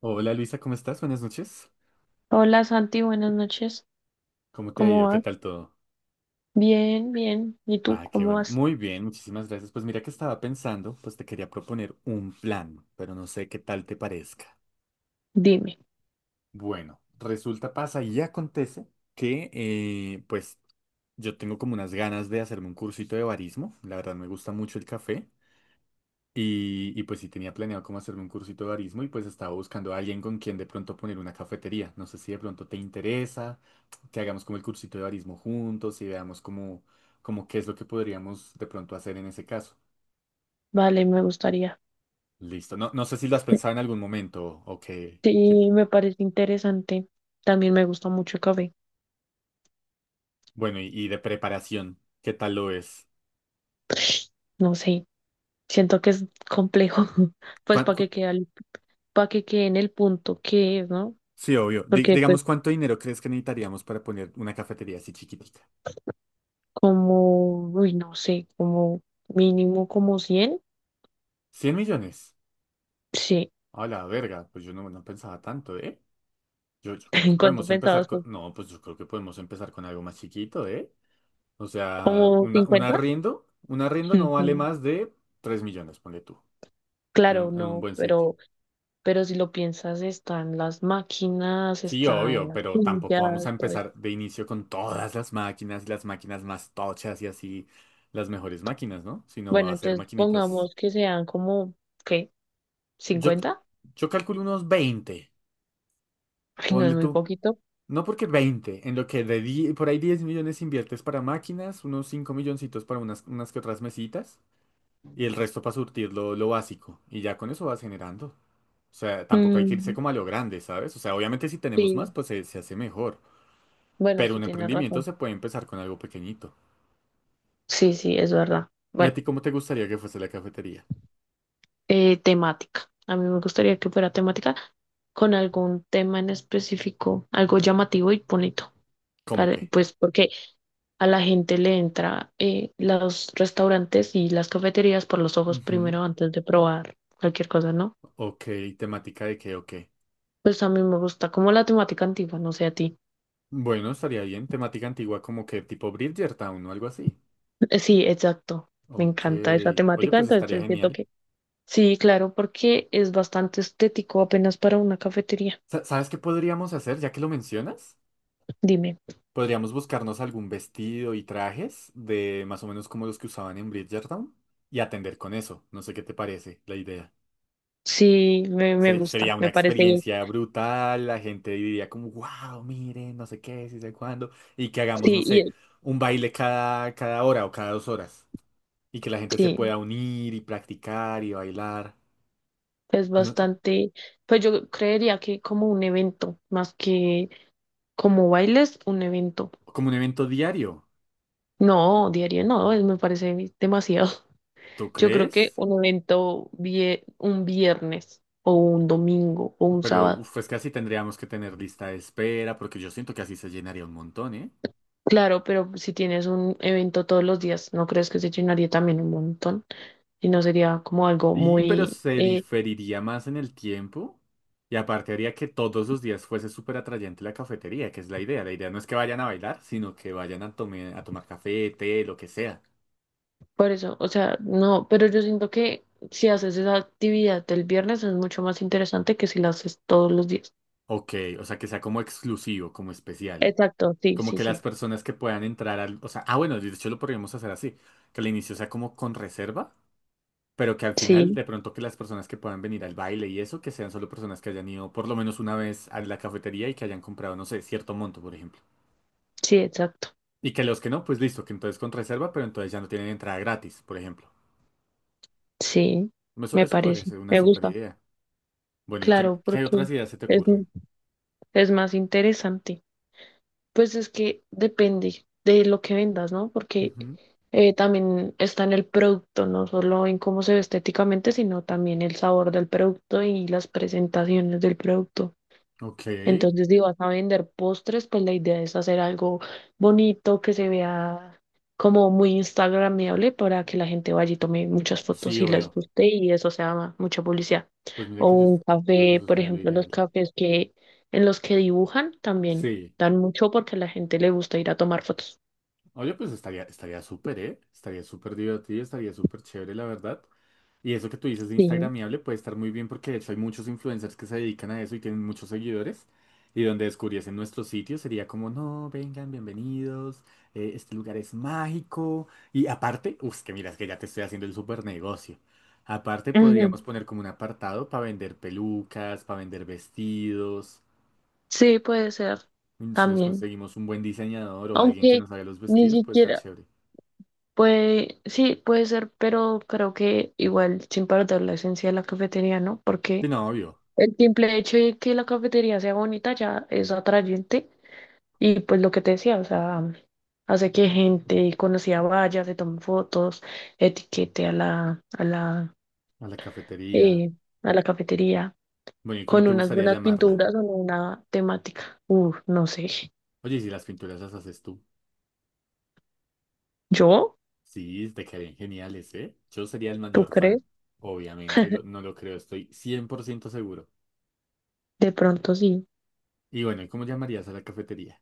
Hola Luisa, ¿cómo estás? Buenas noches. Hola Santi, buenas noches. ¿Cómo te ha ¿Cómo ido? ¿Qué vas? tal todo? Bien, bien. ¿Y tú Ah, qué cómo bueno. vas? Muy bien, muchísimas gracias. Pues mira que estaba pensando, pues te quería proponer un plan, pero no sé qué tal te parezca. Dime. Bueno, resulta, pasa y acontece que pues yo tengo como unas ganas de hacerme un cursito de barismo. La verdad me gusta mucho el café. Y pues sí tenía planeado cómo hacerme un cursito de barismo y pues estaba buscando a alguien con quien de pronto poner una cafetería. No sé si de pronto te interesa que hagamos como el cursito de barismo juntos y veamos como qué es lo que podríamos de pronto hacer en ese caso. Vale, me gustaría. Listo. No, no sé si lo has pensado en algún momento Sí, me parece interesante. También me gusta mucho el café. bueno, y de preparación, ¿qué tal lo es? No sé, siento que es complejo. Pues ¿Cuán- para cu- que quede, pa' que quede en el punto que es, ¿no? sí, obvio. Porque pues Digamos, ¿cuánto dinero crees que necesitaríamos para poner una cafetería así chiquitica? como, uy, no sé, como mínimo como 100. ¿100 millones? Sí. A la verga, pues yo no pensaba tanto, ¿eh? Yo creo que ¿En cuánto podemos empezar pensabas con... tú? No, pues yo creo que podemos empezar con algo más chiquito, ¿eh? O sea, ¿Como una, un 50? arriendo, un arriendo no vale más de 3 millones, ponle tú, en, Claro, un- en un no, buen sitio. pero si lo piensas, están las máquinas, Sí, están obvio, las pero tampoco sillas, vamos a todo eso. empezar de inicio con todas las máquinas y las máquinas más tochas y así, las mejores máquinas, ¿no? Sino va Bueno, a ser entonces maquinitas... pongamos que sean como, ¿qué? Yo, 50. yo calculo unos 20, Ay, no, ponle es muy tú. poquito. No porque 20 en lo que por ahí 10 millones inviertes para máquinas, unos 5 milloncitos para unas que otras mesitas. Y el resto para surtir lo básico. Y ya con eso vas generando. O sea, tampoco hay que irse Mm, como a lo grande, ¿sabes? O sea, obviamente si tenemos más, sí, pues se hace mejor. bueno, Pero sí un tienes emprendimiento razón. se puede empezar con algo pequeñito. Sí, sí, es verdad. ¿Y a Bueno, ti cómo te gustaría que fuese la cafetería? Temática. A mí me gustaría que fuera temática con algún tema en específico, algo llamativo y bonito. ¿Cómo qué? Pues porque a la gente le entra los restaurantes y las cafeterías por los ojos Ujú. primero antes de probar cualquier cosa, ¿no? Ok, ¿temática de qué o Pues a mí me gusta como la temática antigua, no sé a ti. Bueno, estaría bien. Temática antigua como que tipo Bridgertown o algo así. Sí, exacto. Me Ok. encanta esa Oye, temática, pues estaría entonces siento genial. que sí, claro, porque es bastante estético apenas para una cafetería. ¿Sabes qué podríamos hacer ya que lo mencionas? Dime. Podríamos buscarnos algún vestido y trajes de más o menos como los que usaban en Bridgerton y atender con eso. No sé qué te parece la idea. Sí, me gusta, Sería una me parece bien. experiencia brutal, la gente diría como, wow, miren, no sé qué, si sé cuándo, y que hagamos, no Sí, sé, y un baile cada hora o cada 2 horas, y que la gente se sí, pueda unir y practicar y bailar. es No- bastante, pues yo creería que como un evento más que como bailes, un evento. Como un evento diario. No, diario no, me parece demasiado. ¿Tú Yo creo que crees? un evento un viernes o un domingo o un Pero sábado. uf, es que así tendríamos que tener lista de espera, porque yo siento que así se llenaría un montón, ¿eh? Claro, pero si tienes un evento todos los días, ¿no crees que se llenaría también un montón? Y no sería como algo Y pero muy... se eh, diferiría más en el tiempo. Y aparte haría que todos los días fuese súper atrayente la cafetería, que es la idea. La idea no es que vayan a bailar, sino que vayan a tomar café, té, lo que sea. Por eso, o sea, no, pero yo siento que si haces esa actividad el viernes es mucho más interesante que si la haces todos los días. Ok, o sea, que sea como exclusivo, como especial. Exacto, sí, Como sí, que las sí. personas que puedan entrar al... O sea, ah, bueno, de hecho lo podríamos hacer así. Que al inicio sea como con reserva, pero que al final Sí, de pronto que las personas que puedan venir al baile y eso, que sean solo personas que hayan ido por lo menos una vez a la cafetería y que hayan comprado, no sé, cierto monto, por ejemplo. sí, exacto. Y que los que no, pues listo, que entonces con reserva, pero entonces ya no tienen entrada gratis, por ejemplo. Sí, Eso, me eso podría parece, ser una me super gusta. idea. Bueno, ¿y qué, Claro, qué porque otras ideas se te es, ocurren? es más interesante. Pues es que depende de lo que vendas, ¿no? Porque Ujú. También está en el producto, no solo en cómo se ve estéticamente, sino también el sabor del producto y las presentaciones del producto. Ok, Entonces, si vas a vender postres, pues la idea es hacer algo bonito, que se vea como muy instagramable para que la gente vaya y tome muchas sí, fotos y les obvio. guste y eso sea mucha publicidad. Pues mira O que yo un creo que café, eso por sería lo ejemplo, los ideal. cafés que en los que dibujan también Sí, dan mucho porque a la gente le gusta ir a tomar fotos. oye, pues estaría, estaría súper, ¿eh? Estaría súper divertido, estaría súper chévere, la verdad. Y eso que tú dices de Sí. Instagramiable puede estar muy bien porque de hecho hay muchos influencers que se dedican a eso y tienen muchos seguidores. Y donde descubriesen nuestro sitio sería como, no, vengan, bienvenidos, este lugar es mágico. Y aparte, uff, que miras que ya te estoy haciendo el super negocio. Aparte Ujú. podríamos poner como un apartado para vender pelucas, para vender vestidos. Sí, puede ser Si nos también. conseguimos un buen diseñador o alguien que Aunque nos haga los ni vestidos, puede estar siquiera chévere. puede, sí, puede ser, pero creo que igual sin perder la esencia de la cafetería, ¿no? Y Porque no, obvio, el simple hecho de que la cafetería sea bonita ya es atrayente. Y pues lo que te decía, o sea, hace que gente conocida vaya, se tome fotos, etiquete a la cafetería. eh, a la cafetería Bueno, ¿y cómo con te unas gustaría buenas llamarla? pinturas o en una temática. Uf, no sé. Oye, ¿y si las pinturas las haces tú? ¿Yo? Sí, te quedarían geniales, ¿eh? Yo sería el ¿Tú mayor crees? fan, obviamente, no lo creo, estoy 100% seguro. De pronto sí. Y bueno, ¿y cómo llamarías a la cafetería?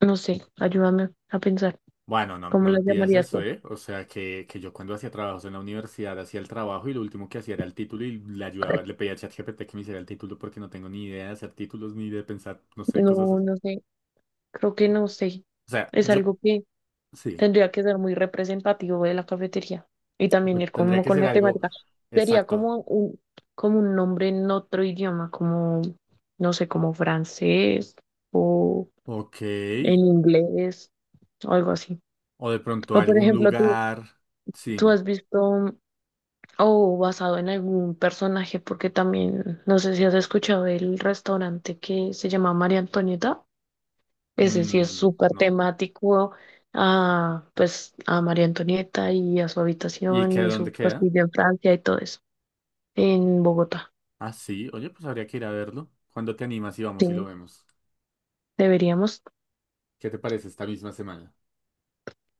No sé, ayúdame a pensar. Bueno, no, ¿Cómo no la me pidas llamarías eso, tú? ¿eh? O sea, que yo cuando hacía trabajos en la universidad hacía el trabajo y lo último que hacía era el título y le ayudaba, le pedía a ChatGPT que me hiciera el título porque no tengo ni idea de hacer títulos ni de pensar, no sé, cosas No, así. no sé. Creo que no sé. O sea, Es yo, algo. sí, Tendría que ser muy representativo de la cafetería y también pues ir tendría como que con ser la algo temática. Sería exacto. Como un nombre en otro idioma, como, no sé, como francés o Ok. en inglés o algo así. O de pronto O por algún ejemplo, lugar. Sí, tú has visto o basado en algún personaje, porque también, no sé si has escuchado el restaurante que se llama María Antonieta. Ese sí es súper no. temático a, pues, a María Antonieta y a su ¿Y habitación qué y dónde su queda? castillo en Francia y todo eso, en Bogotá. Ah, sí. Oye, pues habría que ir a verlo. ¿Cuándo te animas y Sí, vamos y lo vemos? deberíamos, ¿Qué te parece esta misma semana?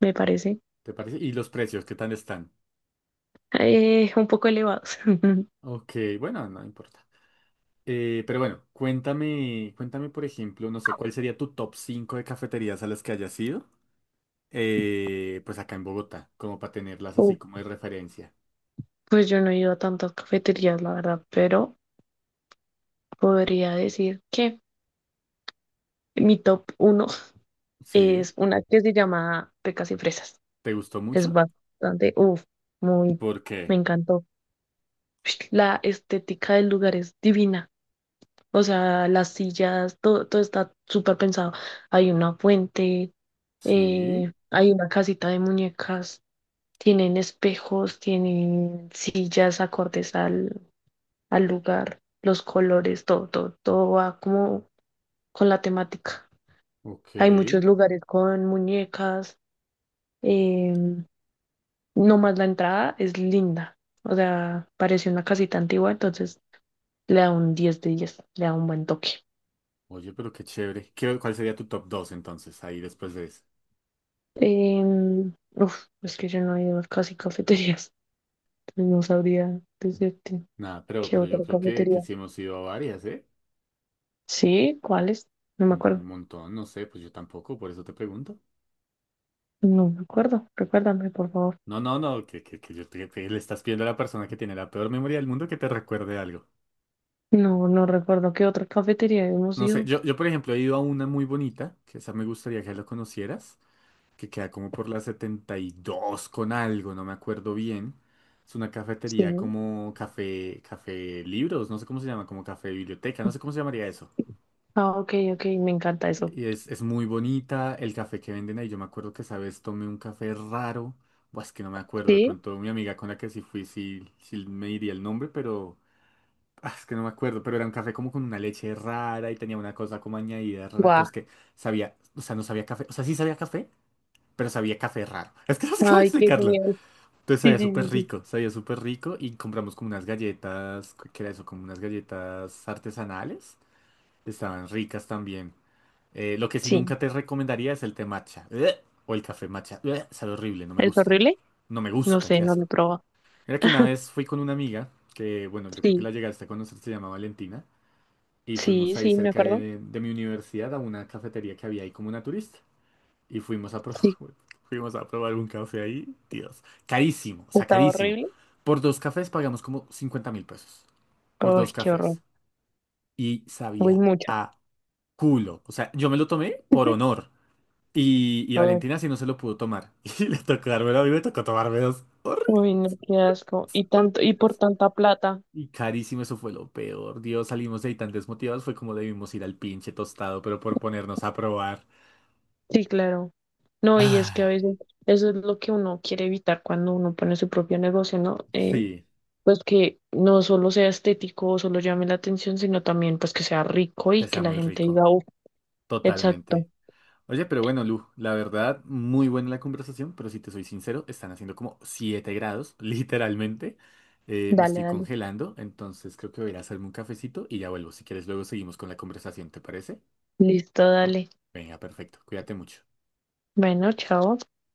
me parece, ¿Te parece? ¿Y los precios, qué tal están? Un poco elevados. Ok, bueno, no importa. Pero bueno, cuéntame, cuéntame, por ejemplo, no sé, ¿cuál sería tu top 5 de cafeterías a las que hayas ido? Pues acá en Bogotá, como para tenerlas así Uf, como de referencia. pues yo no he ido a tantas cafeterías, la verdad, pero podría decir que mi top uno Sí. es una que se llama Pecas y Fresas. ¿Te gustó Es mucho? bastante, uff, muy, ¿Por me qué? encantó. La estética del lugar es divina. O sea, las sillas, todo, todo está súper pensado. Hay una fuente, Sí. Hay una casita de muñecas, tienen espejos, tienen sillas acordes al lugar, los colores, todo, todo, todo va como con la temática. Ok. Hay muchos lugares con muñecas, em, nomás la entrada es linda. O sea, parece una casita antigua, entonces le da un 10 de 10, le da un buen toque. Oye, pero qué chévere. ¿Cuál sería tu top 2 entonces, ahí después de ese? Uf, es que yo no he ido a casi cafeterías, entonces no sabría decirte Nada, qué pero yo otra creo que cafetería. sí hemos ido a varias, ¿eh? Sí, ¿cuáles? No me Un acuerdo. montón, no sé, pues yo tampoco, por eso te pregunto. No me acuerdo. Recuérdame, por favor. No, no, no, que le estás pidiendo a la persona que tiene la peor memoria del mundo que te recuerde algo. No, no recuerdo qué otra cafetería hemos No sé, ido. yo por ejemplo he ido a una muy bonita, que esa me gustaría que lo conocieras, que queda como por la 72 con algo, no me acuerdo bien. Es una cafetería Sí. como café, café libros, no sé cómo se llama, como café biblioteca, no sé cómo se llamaría eso. Ah, ok, ok, me encanta eso. Y es muy bonita el café que venden ahí. Yo me acuerdo que esa vez tomé un café raro. Buah, es que no me acuerdo. De Sí, pronto mi amiga con la que sí fui, sí, sí me diría el nombre, pero ah, es que no me acuerdo. Pero era un café como con una leche rara y tenía una cosa como añadida rara. Pero guau. es que sabía, o sea, no sabía café. O sea, sí sabía café, pero sabía café raro. Es que no sé cómo Ay, qué explicarlo. genial. Entonces Sí, sabía sí, súper sí, sí. rico, sabía súper rico. Y compramos como unas galletas, ¿qué era eso? Como unas galletas artesanales. Estaban ricas también. Lo que sí Sí, nunca te recomendaría es el té matcha. ¡Ugh! O el café matcha. ¡Ugh! Sabe horrible, no me ¿es gusta. horrible? No me No gusta, sé, qué no lo asco. he probado. Mira que una vez fui con una amiga, que bueno, yo creo que Sí, la llegaste a conocer, se llama Valentina, y sí, fuimos ahí sí, me cerca acuerdo. de mi universidad a una cafetería que había ahí como naturista. Y fuimos Sí, fuimos a probar un café ahí, Dios. Carísimo, o sea, estaba carísimo. horrible. Por dos cafés pagamos como 50.000 pesos. Por Ay, dos qué horror. cafés. Y Uy, sabía mucha. a culo. O sea, yo me lo tomé por honor. Y Ay, Valentina sí no se lo pudo tomar. Y le tocó dármelo a mí, me tocó tomarme dos. Horribles, uy, no, qué asco. Y tanto, y por horribles. tanta plata. Y carísimo, eso fue lo peor. Dios, salimos de ahí tan desmotivados. Fue como debimos ir al pinche tostado, pero por ponernos a probar. Sí, claro. No, y es Ay, que a veces eso es lo que uno quiere evitar cuando uno pone su propio negocio, ¿no? Sí, Pues que no solo sea estético o solo llame la atención, sino también pues que sea rico que y que sea la muy gente rico. diga: "Uf, exacto." Totalmente. Oye, pero bueno, Lu, la verdad, muy buena la conversación, pero si te soy sincero, están haciendo como 7 grados, literalmente. Me Dale, estoy dale. congelando, entonces creo que voy a ir a hacerme un cafecito y ya vuelvo. Si quieres, luego seguimos con la conversación, ¿te parece? Listo, dale. Venga, perfecto. Cuídate mucho. Bueno, chao.